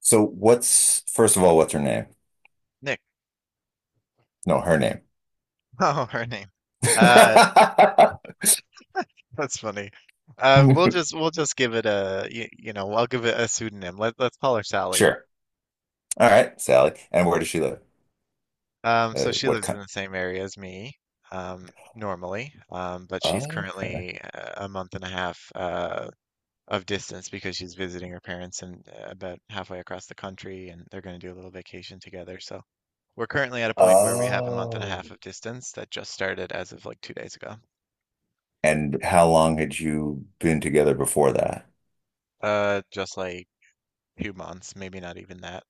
So what's first of all, what's her name? Nick. No, her name. Oh, her name. Uh, that's funny. We'll just give it a I'll give it a pseudonym. Let's call her Sally. Sure. All right, Sally. And where does she live? Um, so she What lives in kind? the same area as me, normally, but she's Oh, okay. currently a month and a half of distance because she's visiting her parents and about halfway across the country, and they're going to do a little vacation together. So we're currently at a point where we have a month and a half Oh. of distance that just started as of like 2 days ago. And how long had you been together before that? Just like 2 months, maybe not even that.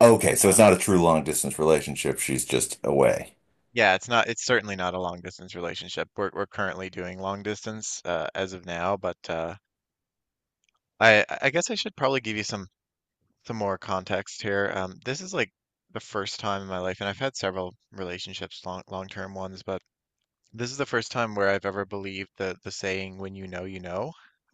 Okay, so it's Uh, not a true long distance relationship. She's just away. yeah, it's not, it's certainly not a long distance relationship. We're currently doing long distance as of now, but I guess I should probably give you some more context here. This is like the first time in my life, and I've had several relationships, long-term ones, but this is the first time where I've ever believed the saying "when you know, you know."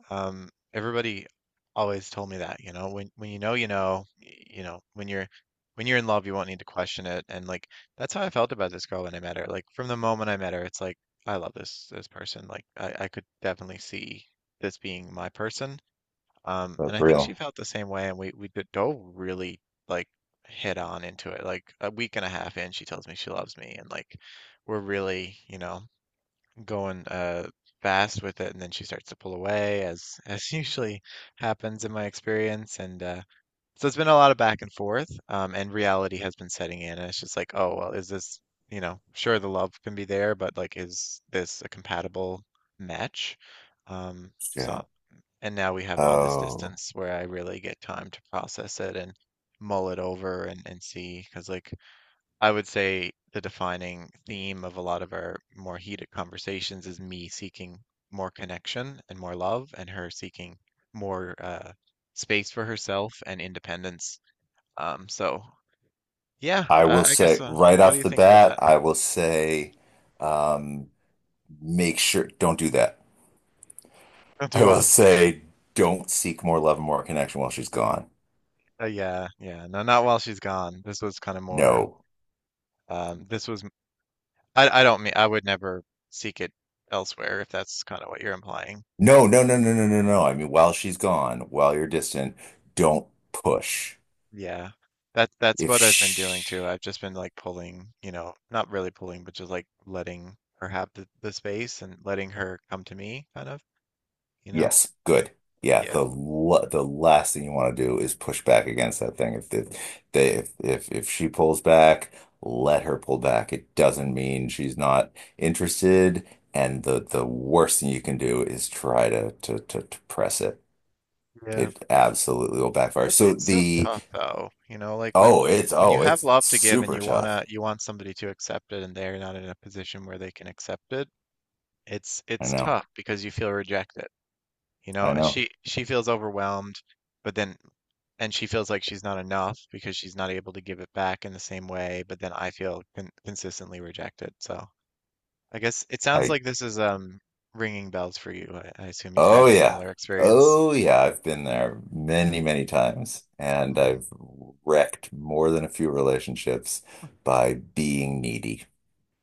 Everybody always told me that, you know, when you know, when you're in love, you won't need to question it. And like that's how I felt about this girl when I met her. Like from the moment I met her, it's like I love this person. I could definitely see this being my person. And That's I think she real. felt the same way, and dove really like head on into it. Like a week and a half in, she tells me she loves me, and like we're really, going fast with it, and then she starts to pull away as usually happens in my experience. And uh so it's been a lot of back and forth, and reality has been setting in, and it's just like, oh well, is this, sure, the love can be there, but like, is this a compatible match? um so Shit. and now we have all this Oh, distance where I really get time to process it and mull it over and see. Because like, I would say the defining theme of a lot of our more heated conversations is me seeking more connection and more love, and her seeking more space for herself and independence. Um, so yeah, I will I, I guess. say right What do off you the think about bat, that? I will say, um, make sure don't do that. Do I will what? say, don't seek more love and more connection while she's gone. Yeah, yeah. No, not while she's gone. This was kind of more. No. This was. I don't mean. I would never seek it elsewhere, if that's kind of what you're implying. No, no, no, um, no, no, no, no. I mean, while she's gone, while you're distant, don't push. Yeah. That that's If what I've been doing too. she, I've just been like pulling, you know, not really pulling, but just like letting her have the space and letting her come to me kind of, you know? yes, good. Yeah, Yeah. The last thing you want to do is push back against that thing. If the, they if she pulls back, let her pull back. It doesn't mean she's not interested, and the worst thing you can do is try to press it. Yeah. It absolutely will backfire. So It's still the tough though, you know, like when oh, it's when you have love to give and super you tough. wanna you want somebody to accept it, and they're not in a position where they can accept it. it's I it's know. tough because you feel rejected. You know, I and know. she feels overwhelmed, but then and she feels like she's not enough because she's not able to give it back in the same way, but then I feel consistently rejected. So I guess it sounds I like this is ringing bells for you. I assume you've Oh had a yeah. similar experience. Oh yeah, I've been there many, many times, and Mm, I've wrecked more than a few relationships by being needy.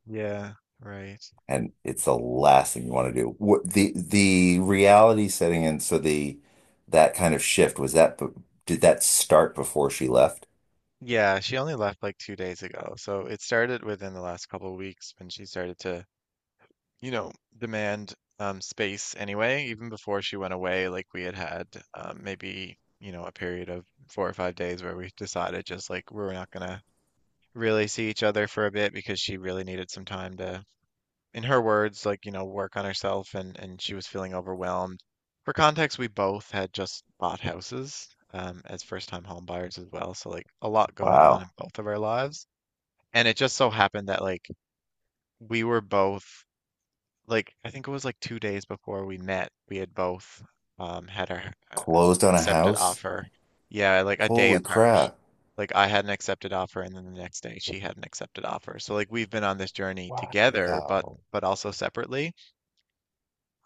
yeah, right. And it's the last thing you want to do. What the reality setting in, so the that kind of shift, did that start before she left? Yeah, she only left like 2 days ago. So it started within the last couple of weeks when she started to, you know, demand space anyway. Even before she went away, like we had had maybe, you know, a period of 4 or 5 days where we decided just like we were not gonna really see each other for a bit, because she really needed some time to, in her words, like, you know, work on herself, and she was feeling overwhelmed. For context, we both had just bought houses, as first-time home buyers as well, so like a lot going on in Wow. both of our lives. And it just so happened that like we were both, like I think it was like 2 days before we met, we had both had our Closed on a accepted house? offer. Yeah, like a day Holy apart. crap. Like I had an accepted offer, and then the next day she had an accepted offer. So like we've been on this journey together, Wow. but also separately.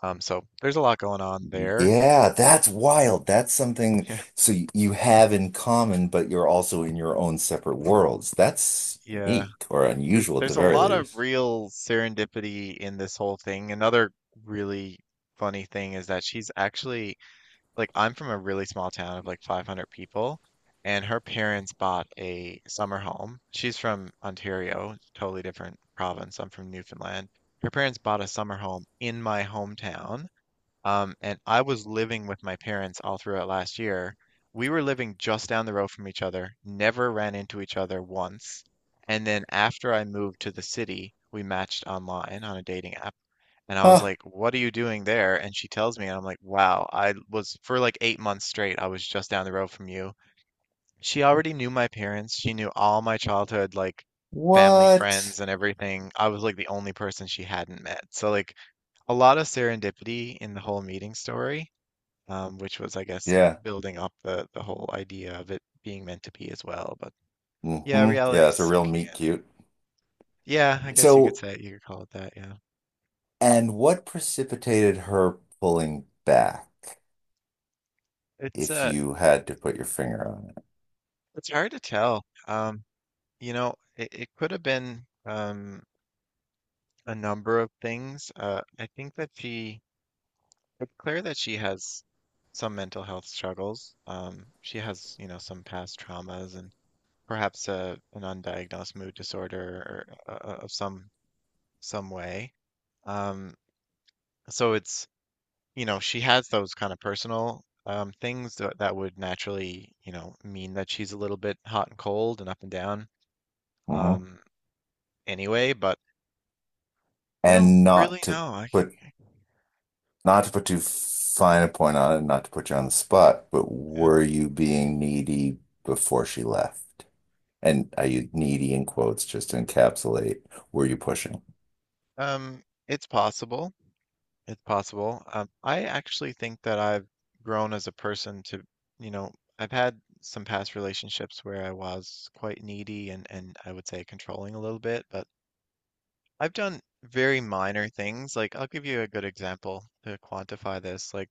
So there's a lot going on there. Yeah, that's wild. That's something Yeah, so you have in common, but you're also in your own separate worlds. That's yeah. unique, or unusual at the There's a very lot of least. real serendipity in this whole thing. Another really funny thing is that she's actually, like, I'm from a really small town of like 500 people, and her parents bought a summer home. She's from Ontario, totally different province. I'm from Newfoundland. Her parents bought a summer home in my hometown, and I was living with my parents all throughout last year. We were living just down the road from each other, never ran into each other once. And then after I moved to the city, we matched online on a dating app. And I was Huh. like, "What are you doing there?" And she tells me, and I'm like, "Wow, I was for like 8 months straight, I was just down the road from you." She already knew my parents. She knew all my childhood, like family, friends, What? and everything. I was like the only person she hadn't met. So like a lot of serendipity in the whole meeting story, which was, I guess, Yeah. building up the whole idea of it being meant to be as well. But yeah, Hmm. Yeah, reality's it's a real sinking meet in. cute. Yeah, I guess you could So, say, you could call it that. Yeah, and what precipitated her pulling back, it's if uh, you had to put your finger on it? it's hard to tell. You know, it could have been a number of things. I think that she, it's clear that she has some mental health struggles. She has, you know, some past traumas, and perhaps a, an undiagnosed mood disorder, or, of some way. Um, so it's, you know, she has those kind of personal things that, that would naturally, you know, mean that she's a little bit hot and cold and up and down, Hmm. um, anyway. But I don't And really know. put not to put too fine a point on it, not to put you on the spot, but Yeah. were you being needy before she left? And are you needy in quotes, just to encapsulate, were you pushing? Um, it's possible. It's possible. I actually think that I've grown as a person to, you know, I've had some past relationships where I was quite needy, and I would say controlling a little bit, but I've done very minor things. Like I'll give you a good example to quantify this. Like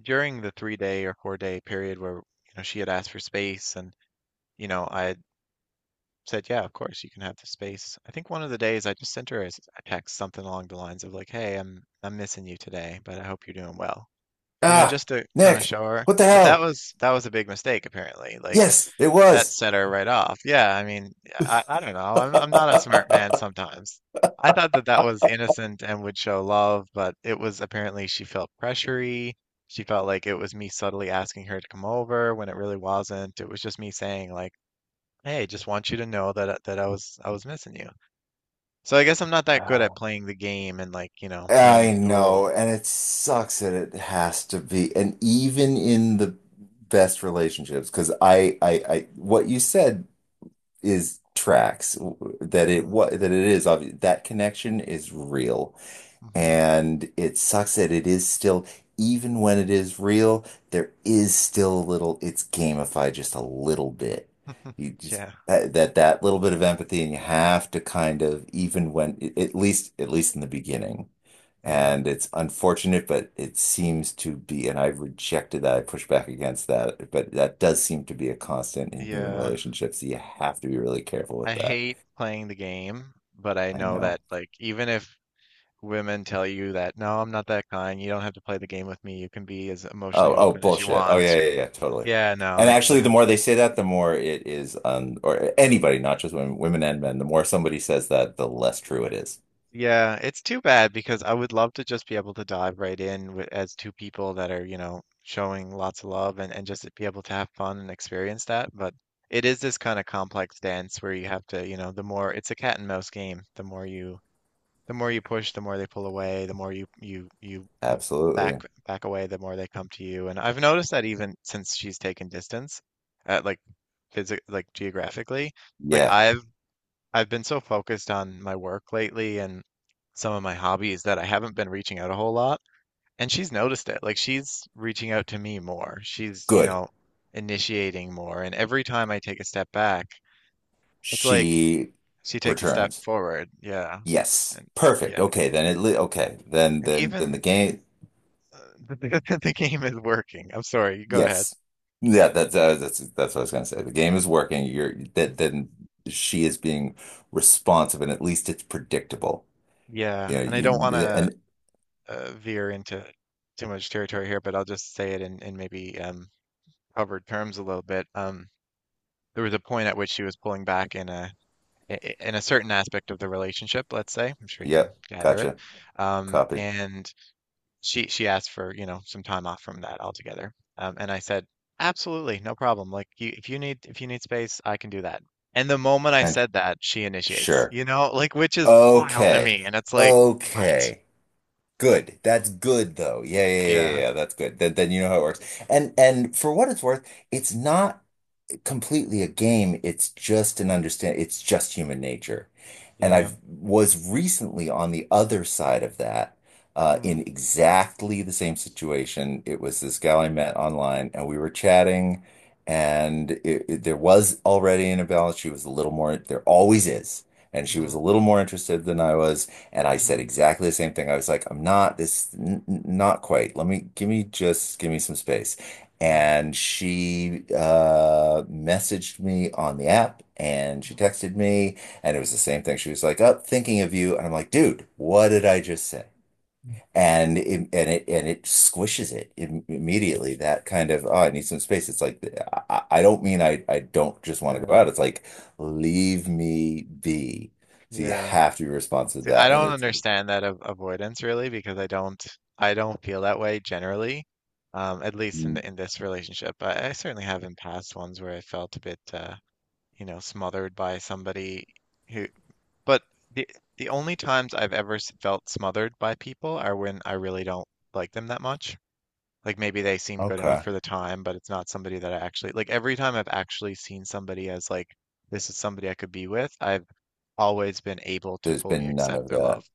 during the 3 day or 4 day period where, you know, she had asked for space, and, you know, I said, "Yeah, of course you can have the space." I think one of the days I just sent her a a text, something along the lines of like, "Hey, I'm missing you today, but I hope you're doing well." You know, Ah, just to kind of Nick, show her. what the But hell? That was a big mistake apparently. Like Yes, it that was. set her right off. Yeah, I mean, yeah, I don't know. I'm not a smart man sometimes. I thought that that was innocent and would show love, but it was apparently she felt pressury. She felt like it was me subtly asking her to come over when it really wasn't. It was just me saying like, hey, just want you to know that I was missing you. So I guess I'm not that good at playing the game, and like, you know, playing I it know, cool. and it sucks that it has to be. And even in the best relationships, because what you said is tracks that it Mm, what that it is obvious that connection is real, mm-hmm. and it sucks that it is still, even when it is real, there is still a little, it's gamified just a little bit. You just, Yeah, that, that that little bit of empathy, and you have to kind of, even when, at least in the beginning. yeah, And it's unfortunate, but it seems to be, and I've rejected that, I push back against that, but that does seem to be a constant in human yeah. relationships. You have to be really careful I with that. hate playing the game, but I I know know. that like, even if women tell you that, no, I'm not that kind, you don't have to play the game with me, you can be as emotionally Oh, oh, open as you bullshit. Oh, want. yeah, yeah, yeah, totally. Yeah, no, And it's actually, the more they say that, the more it is, or anybody, not just women, women and men, the more somebody says that, the less true it is. Yeah, it's too bad because I would love to just be able to dive right in, with, as two people that are, you know, showing lots of love, and just be able to have fun and experience that. But it is this kind of complex dance where you have to, you know, the more, it's a cat and mouse game. The more you push, the more they pull away, the more you back Absolutely. back away, the more they come to you. And I've noticed that even since she's taken distance, like physic like geographically, like Yeah, I've been so focused on my work lately and some of my hobbies that I haven't been reaching out a whole lot. And she's noticed it. Like she's reaching out to me more. She's, you good. know, initiating more. And every time I take a step back, it's like She she takes a step returns. forward. Yeah. Yes. And Perfect. yeah. Okay, then, And then, then even the game, uh, the game is working. I'm sorry. Go ahead. yes. Yeah, that's, that's what I was gonna say. The game is working. Then she is being responsive, and at least it's predictable. You Yeah. know, And I don't want you, to and, veer into too much territory here, but I'll just say it in maybe covered terms a little bit. There was a point at which she was pulling back in a in a certain aspect of the relationship, let's say. I'm sure you can yep, gather it. gotcha. Copy. And she asked for, you know, some time off from that altogether. And I said, absolutely, no problem. Like you, if you need space, I can do that. And the moment I And said that, she initiates, sure. you know, like, which is wild to Okay. me. And it's like, what? Okay. Good. That's good though. Yeah, yeah, yeah, Yeah, yeah, yeah. That's good. Then you know how it works. And for what it's worth, it's not completely a game. It's just an understand. It's just human nature. And yeah. I was recently on the other side of that, in Mm, exactly the same situation. It was this gal I met online, and we were chatting, and there was already an imbalance. She was a little more. There always is. And she was mm-hmm, a little more interested than I was, and I mm-hmm, said exactly the same thing. I was like, "I'm not this, not quite. Let me give me just give me some space." mm-hmm, And she messaged me on the app and she texted me, and it was the same thing. She was like, "Up, thinking of you." And I'm like, "Dude, what did I just say?" mm, And it squishes it im immediately. That kind of, oh, I need some space. It's like I don't just want to go yeah, out. It's like leave me be. So you yeah. have to be responsive to See, I that. And don't it's understand that av avoidance really, because I don't feel that way generally. At least in mm, the, in this relationship. I certainly have in past ones where I felt a bit you know, smothered by somebody who, but the the only times I've ever felt smothered by people are when I really don't like them that much. Like maybe they seem good enough okay. for the time, but it's not somebody that I actually like. Every time I've actually seen somebody as like, this is somebody I could be with, I've always been able to There's fully been none accept of their that. love.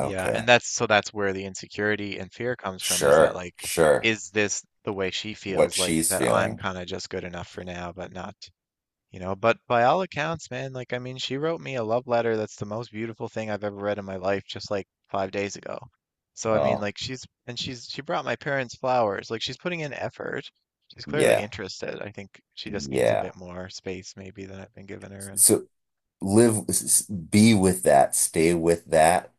Yeah, and that's, so that's where the insecurity and fear comes from, is that Sure. like, Sure. is this the way she What feels, like, she's that I'm feeling. kind of just good enough for now, but not, you know. But by all accounts, man, like, I mean, she wrote me a love letter that's the most beautiful thing I've ever read in my life just like 5 days ago. So I mean, Oh, like, she's and she's she brought my parents flowers. Like she's putting in effort. She's clearly yeah. interested. I think she just needs a Yeah. bit more space maybe than I've been giving her. And So live, be with that, stay with that,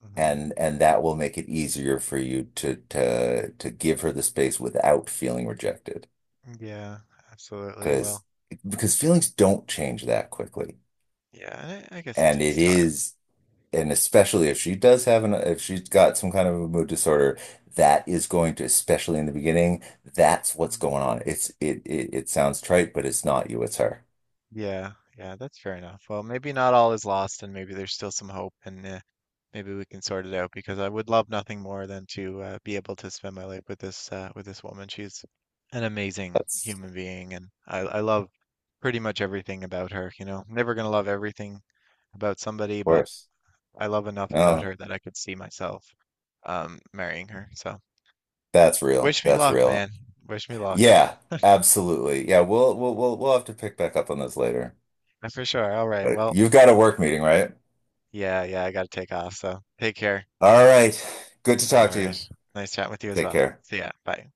Mhm. And that will make it easier for you to give her the space without feeling rejected. Yeah, absolutely. Because Well, feelings don't change that quickly. yeah, I guess it And takes it time. is, and especially if she does have an, if she's got some kind of a mood disorder, that is going to, especially in the beginning, that's what's Mm, going on. It's it, sounds trite, but it's not you, it's her. yeah, yeah, that's fair enough. Well, maybe not all is lost, and maybe there's still some hope, and maybe we can sort it out, because I would love nothing more than to be able to spend my life with this woman. She's an amazing That's human being, and I love pretty much everything about her. You know, never gonna love everything about somebody, but course. I love enough about No, her that I could see myself marrying her. So that's real. wish me That's luck, man. real. Wish me luck. Yeah, absolutely. Yeah, we'll have to pick back up on this later. For sure. All right. But Well, you've got a work meeting, right? yeah, yeah, I gotta take off. So take care. All right. Good to talk All to right. you. Nice chatting with you as Take well. care. See ya. Bye.